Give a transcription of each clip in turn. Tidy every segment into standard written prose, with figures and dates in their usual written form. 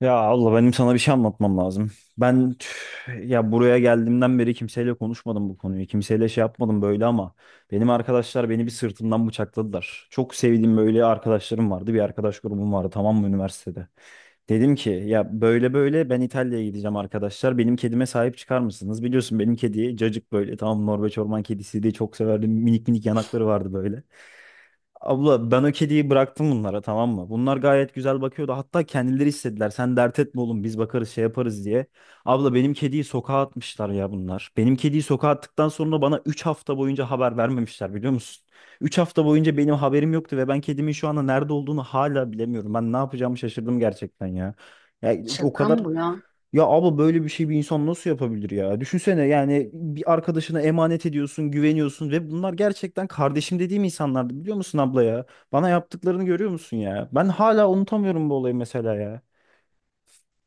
Ya abla benim sana bir şey anlatmam lazım. Ben tüh, ya buraya geldiğimden beri kimseyle konuşmadım bu konuyu. Kimseyle şey yapmadım böyle ama benim arkadaşlar beni bir sırtımdan bıçakladılar. Çok sevdiğim böyle arkadaşlarım vardı. Bir arkadaş grubum vardı tamam mı üniversitede. Dedim ki ya böyle böyle ben İtalya'ya gideceğim arkadaşlar. Benim kedime sahip çıkar mısınız? Biliyorsun benim kedi Cacık böyle tamam Norveç orman kedisi diye çok severdim. Minik minik yanakları vardı böyle. Abla ben o kediyi bıraktım bunlara tamam mı? Bunlar gayet güzel bakıyordu. Hatta kendileri istediler. Sen dert etme oğlum biz bakarız şey yaparız diye. Abla benim kediyi sokağa atmışlar ya bunlar. Benim kediyi sokağa attıktan sonra bana 3 hafta boyunca haber vermemişler biliyor musun? 3 hafta boyunca benim haberim yoktu ve ben kedimin şu anda nerede olduğunu hala bilemiyorum. Ben ne yapacağımı şaşırdım gerçekten ya. Ya o Şaka kadar, mı bu ya? ya abla böyle bir şey bir insan nasıl yapabilir ya? Düşünsene yani bir arkadaşına emanet ediyorsun, güveniyorsun ve bunlar gerçekten kardeşim dediğim insanlardı biliyor musun abla ya? Bana yaptıklarını görüyor musun ya? Ben hala unutamıyorum bu olayı mesela ya.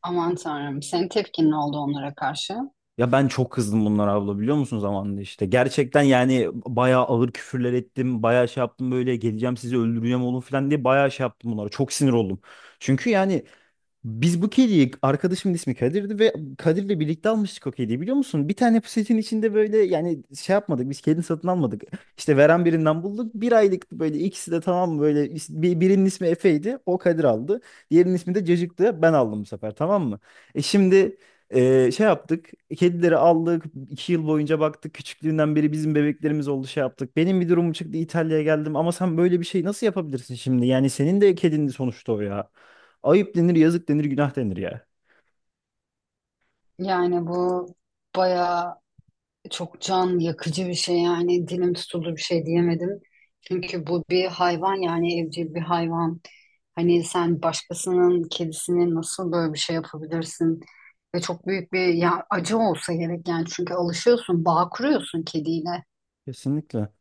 Aman tanrım. Senin tepkin ne oldu onlara karşı? Ya ben çok kızdım bunlara abla biliyor musun zamanında işte. Gerçekten yani bayağı ağır küfürler ettim, bayağı şey yaptım böyle geleceğim sizi öldüreceğim oğlum falan diye bayağı şey yaptım bunlara. Çok sinir oldum. Çünkü yani biz bu kediyi, arkadaşımın ismi Kadir'di ve Kadir'le birlikte almıştık o kediyi biliyor musun? Bir tane poşetin içinde böyle yani şey yapmadık biz kedini satın almadık. İşte veren birinden bulduk. Bir aylık böyle ikisi de tamam böyle birinin ismi Efe'ydi o Kadir aldı. Diğerinin ismi de Cacık'tı ben aldım bu sefer tamam mı? E şimdi şey yaptık, kedileri aldık, iki yıl boyunca baktık küçüklüğünden beri bizim bebeklerimiz oldu şey yaptık. Benim bir durumum çıktı İtalya'ya geldim ama sen böyle bir şey nasıl yapabilirsin şimdi? Yani senin de kedindi sonuçta o ya. Ayıp denir, yazık denir, günah denir ya. Yani bu bayağı çok can yakıcı bir şey yani dilim tutuldu bir şey diyemedim. Çünkü bu bir hayvan yani evcil bir hayvan. Hani sen başkasının kedisini nasıl böyle bir şey yapabilirsin? Ve çok büyük bir ya acı olsa gerek yani çünkü alışıyorsun, bağ kuruyorsun kediyle. Kesinlikle.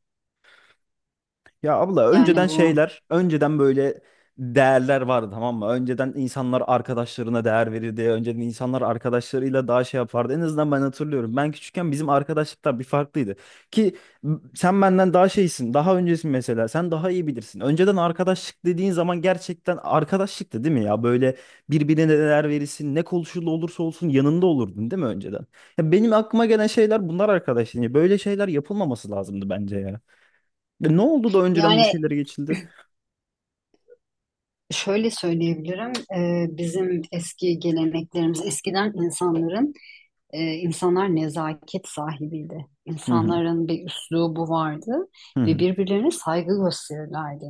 Ya abla Yani önceden bu. şeyler, önceden böyle değerler vardı tamam mı? Önceden insanlar arkadaşlarına değer verirdi. Önceden insanlar arkadaşlarıyla daha şey yapardı. En azından ben hatırlıyorum. Ben küçükken bizim arkadaşlıklar bir farklıydı. Ki sen benden daha şeysin, daha öncesin mesela. Sen daha iyi bilirsin. Önceden arkadaşlık dediğin zaman gerçekten arkadaşlıktı değil mi ya? Böyle birbirine değer verirsin. Ne konuşulu olursa olsun yanında olurdun değil mi önceden? Ya benim aklıma gelen şeyler bunlar arkadaşlar. Böyle şeyler yapılmaması lazımdı bence ya. Ve ne oldu da önceden bu Yani şeylere geçildi? şöyle söyleyebilirim. Bizim eski geleneklerimiz, eskiden insanların insanlar nezaket sahibiydi. Hı hı. İnsanların bir üslubu vardı Hı ve hı. birbirlerine saygı gösterirlerdi.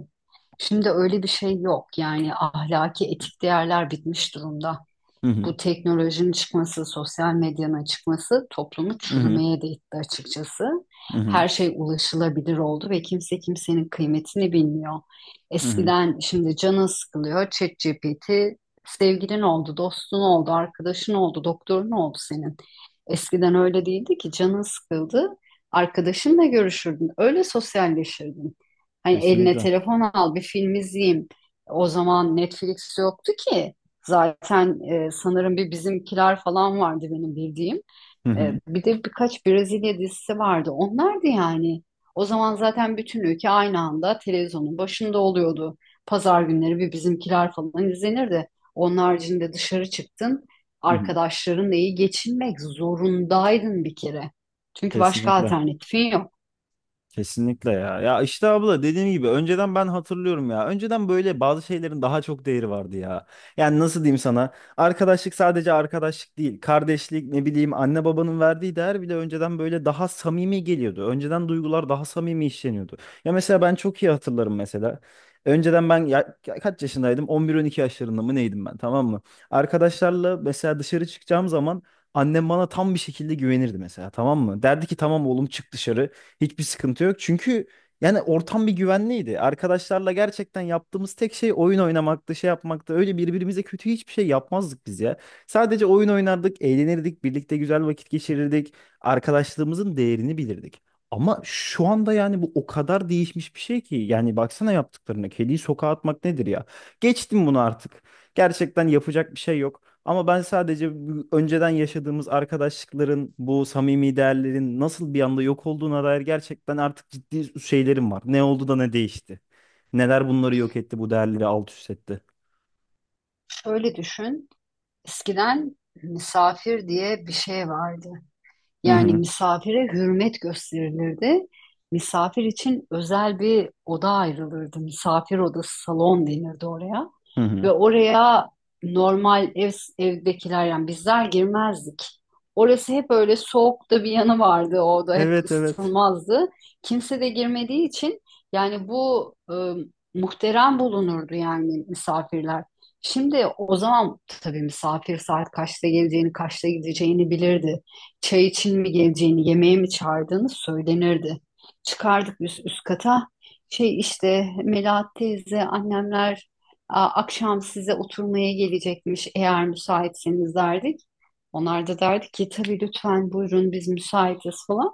Şimdi öyle bir şey yok. Yani ahlaki etik değerler bitmiş durumda, Hı hı. bu teknolojinin çıkması, sosyal medyanın çıkması toplumu Hı hı. çürümeye de itti açıkçası. Hı hı. Her şey ulaşılabilir oldu ve kimse kimsenin kıymetini bilmiyor. Hı hı. Eskiden şimdi canın sıkılıyor, ChatGPT sevgilin oldu, dostun oldu, arkadaşın oldu, doktorun oldu senin. Eskiden öyle değildi ki, canın sıkıldı, arkadaşınla görüşürdün, öyle sosyalleşirdin. Hani eline Kesinlikle. telefon al, bir film izleyeyim. O zaman Netflix yoktu ki. Zaten sanırım bir Bizimkiler falan vardı benim bildiğim. Hı hı. Bir de birkaç Brezilya dizisi vardı. Onlardı yani. O zaman zaten bütün ülke aynı anda televizyonun başında oluyordu. Pazar günleri bir Bizimkiler falan izlenirdi. Onun haricinde dışarı çıktın, Hı hı. arkadaşlarınla iyi geçinmek zorundaydın bir kere. Çünkü başka Kesinlikle. alternatifin yok. Kesinlikle ya. Ya işte abla dediğim gibi önceden ben hatırlıyorum ya. Önceden böyle bazı şeylerin daha çok değeri vardı ya. Yani nasıl diyeyim sana? Arkadaşlık sadece arkadaşlık değil. Kardeşlik ne bileyim anne babanın verdiği değer bile önceden böyle daha samimi geliyordu. Önceden duygular daha samimi işleniyordu. Ya mesela ben çok iyi hatırlarım mesela. Önceden ben ya, ya kaç yaşındaydım? 11-12 yaşlarında mı neydim ben tamam mı? Arkadaşlarla mesela dışarı çıkacağım zaman annem bana tam bir şekilde güvenirdi mesela tamam mı? Derdi ki tamam oğlum çık dışarı. Hiçbir sıkıntı yok. Çünkü yani ortam bir güvenliydi. Arkadaşlarla gerçekten yaptığımız tek şey oyun oynamaktı, şey yapmaktı. Öyle birbirimize kötü hiçbir şey yapmazdık biz ya. Sadece oyun oynardık, eğlenirdik, birlikte güzel vakit geçirirdik. Arkadaşlığımızın değerini bilirdik. Ama şu anda yani bu o kadar değişmiş bir şey ki. Yani baksana yaptıklarına. Kediyi sokağa atmak nedir ya? Geçtim bunu artık. Gerçekten yapacak bir şey yok. Ama ben sadece bu önceden yaşadığımız arkadaşlıkların, bu samimi değerlerin nasıl bir anda yok olduğuna dair gerçekten artık ciddi şeylerim var. Ne oldu da ne değişti? Neler bunları yok etti, bu değerleri alt üst etti? Şöyle düşün, eskiden misafir diye bir şey vardı. Hı Yani hı. misafire hürmet gösterilirdi. Misafir için özel bir oda ayrılırdı. Misafir odası, salon denirdi oraya. Hı hı. Ve oraya normal ev, evdekiler yani bizler girmezdik. Orası hep öyle soğuk da bir yanı vardı. O oda hep Evet evet. ısıtılmazdı. Kimse de girmediği için yani bu muhterem bulunurdu yani misafirler. Şimdi o zaman tabii misafir saat kaçta geleceğini, kaçta gideceğini bilirdi, çay için mi geleceğini, yemeğe mi çağırdığını söylenirdi. Çıkardık biz üst kata. Şey işte Melahat teyze, annemler, "Aa, akşam size oturmaya gelecekmiş eğer müsaitseniz," derdik. Onlar da derdi ki, "Tabii lütfen buyurun biz müsaitiz," falan.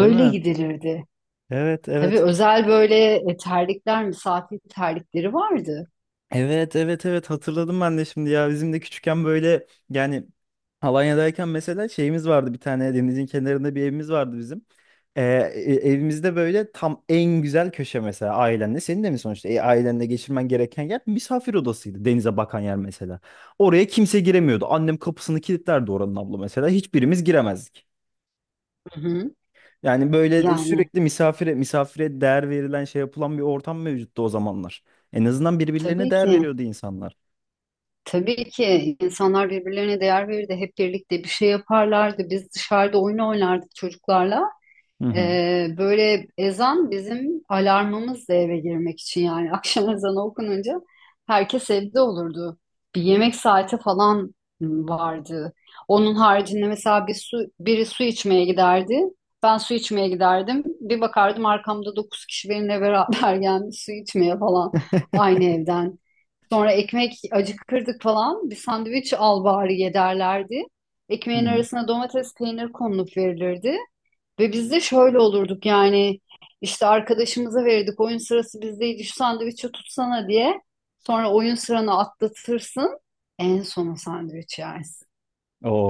Değil mi? gidilirdi. Evet Tabii evet. özel böyle terlikler, misafir terlikleri vardı. Evet evet evet hatırladım ben de şimdi ya bizim de küçükken böyle yani Alanya'dayken mesela şeyimiz vardı bir tane, denizin kenarında bir evimiz vardı bizim. Ee, evimizde böyle tam en güzel köşe mesela ailenle senin de mi sonuçta ailenle geçirmen gereken yer misafir odasıydı, denize bakan yer mesela. Oraya kimse giremiyordu annem kapısını kilitlerdi oranın abla mesela hiçbirimiz giremezdik. Hı hı. Yani böyle Yani sürekli misafire misafire değer verilen şey yapılan bir ortam mevcuttu o zamanlar. En azından birbirlerine tabii değer ki. veriyordu insanlar. Tabii ki insanlar birbirlerine değer verirdi. Hep birlikte bir şey yaparlardı. Biz dışarıda oyun oynardık çocuklarla. Hı hı. Böyle ezan bizim alarmımızdı eve girmek için yani. Akşam ezanı okununca herkes evde olurdu. Bir yemek saati falan vardı. Onun haricinde mesela bir su, biri su içmeye giderdi. Ben su içmeye giderdim. Bir bakardım arkamda dokuz kişi benimle beraber gelmiş su içmeye falan, aynı evden. Sonra ekmek acıkırdık falan. Bir sandviç al bari ye derlerdi. Hı Ekmeğin hı. arasına domates, peynir konulup verilirdi. Ve biz de şöyle olurduk yani, işte arkadaşımıza verirdik oyun sırası bizdeydi şu sandviçi tutsana diye. Sonra oyun sıranı atlatırsın, en sona o sandviç yersin.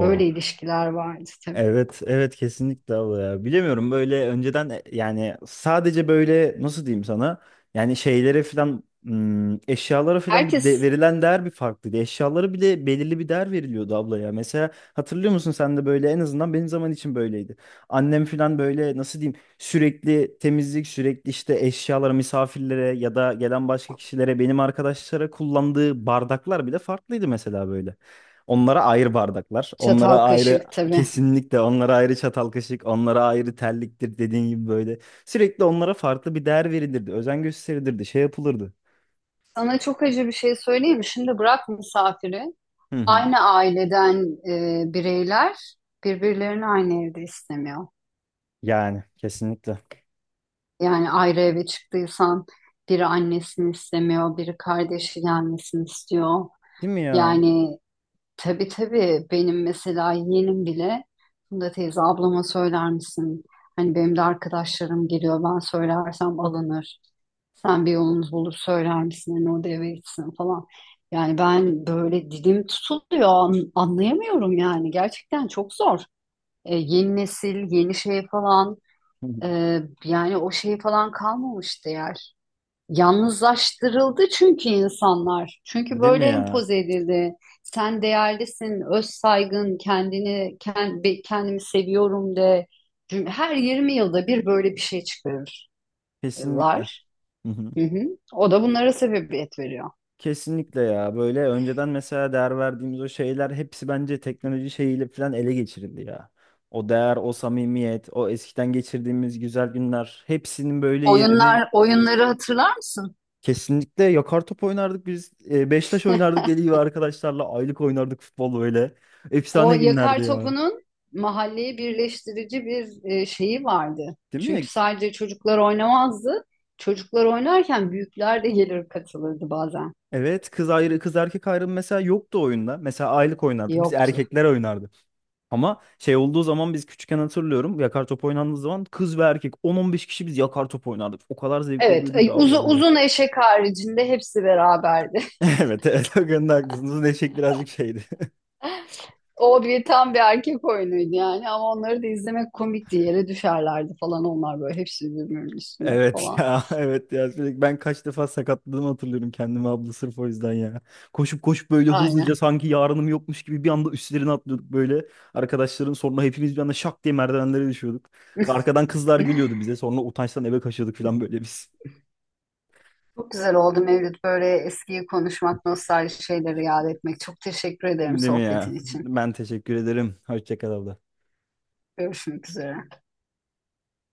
Böyle ilişkiler vardı tabii. Evet, evet kesinlikle abla ya. Bilemiyorum böyle önceden yani sadece böyle nasıl diyeyim sana? Yani şeylere filan eşyalara filan bir de, Herkes verilen değer bir farklıydı. Eşyalara bile belirli bir değer veriliyordu abla ya. Mesela hatırlıyor musun sen de böyle en azından benim zaman için böyleydi. Annem filan böyle nasıl diyeyim sürekli temizlik sürekli işte eşyalara misafirlere ya da gelen başka kişilere benim arkadaşlara kullandığı bardaklar bile farklıydı mesela böyle. Onlara ayrı bardaklar, çatal onlara ayrı kaşık tabii. kesinlikle onlara ayrı çatal kaşık, onlara ayrı terliktir dediğin gibi böyle. Sürekli onlara farklı bir değer verilirdi, özen gösterilirdi, şey yapılırdı. Sana çok acı bir şey söyleyeyim mi? Şimdi bırak misafiri. Hı hı. Aynı aileden bireyler birbirlerini aynı evde istemiyor. Yani kesinlikle. Yani ayrı eve çıktıysan biri annesini istemiyor, biri kardeşi gelmesini istiyor. Değil mi ya? Yani tabii tabii benim mesela yeğenim bile, "Funda teyze ablama söyler misin? Hani benim de arkadaşlarım geliyor ben söylersem alınır. Sen bir yolunuz bulur söyler misin? Hani o da eve gitsin," falan. Yani ben böyle dilim tutuluyor anlayamıyorum yani gerçekten çok zor. Yeni nesil, yeni şey falan, Hı hı. e, yani o şey falan kalmamıştı yer. Yalnızlaştırıldı çünkü insanlar. Çünkü Değil mi böyle ya? empoze edildi. Sen değerlisin, öz saygın, kendimi seviyorum de. Her 20 yılda bir böyle bir şey Kesinlikle. çıkarırlar. Hı hı. Hı hı. O da bunlara sebebiyet veriyor. Kesinlikle ya. Böyle önceden mesela değer verdiğimiz o şeyler hepsi bence teknoloji şeyiyle falan ele geçirildi ya. O değer, o samimiyet, o eskiden geçirdiğimiz güzel günler hepsinin böyle yerini Oyunlar, oyunları hatırlar mısın? kesinlikle. Yakar top oynardık biz. E, beş taş oynardık deli gibi arkadaşlarla. Aylık oynardık futbol böyle. O Efsane günlerdi yakar ya. topunun mahalleyi birleştirici bir şeyi vardı. Değil mi? Çünkü sadece çocuklar oynamazdı. Çocuklar oynarken büyükler de gelir katılırdı bazen. Evet kız ayrı, kız erkek ayrımı mesela yoktu oyunda. Mesela aylık oynardık. Biz Yoktu. erkekler oynardık. Ama şey olduğu zaman biz küçükken hatırlıyorum. Yakar top oynandığı zaman kız ve erkek 10-15 kişi biz yakar top oynardık. O kadar zevkli Evet, oluyordu ki abla uzun, böyle. uzun eşek haricinde hepsi beraberdi. Evet evet o konuda haklısınız. Neşek birazcık şeydi. O bir tam bir erkek oyunuydu yani ama onları da izlemek komikti. Yere düşerlerdi falan onlar böyle hepsi birbirinin üstüne Evet falan. ya, evet ya sürekli ben kaç defa sakatladığımı hatırlıyorum kendimi abla sırf o yüzden ya. Koşup koşup böyle hızlıca Aynen. sanki yarınım yokmuş gibi bir anda üstlerine atlıyorduk böyle. Arkadaşların sonra hepimiz bir anda şak diye merdivenlere düşüyorduk. Arkadan kızlar gülüyordu bize sonra utançtan eve kaçıyorduk falan böyle biz. Çok güzel oldu Mevlüt, böyle eskiyi konuşmak, nostalji şeyleri yad etmek. Çok teşekkür ederim Değil mi sohbetin ya? için. Ben teşekkür ederim. Hoşça kal abla. Görüşmek üzere.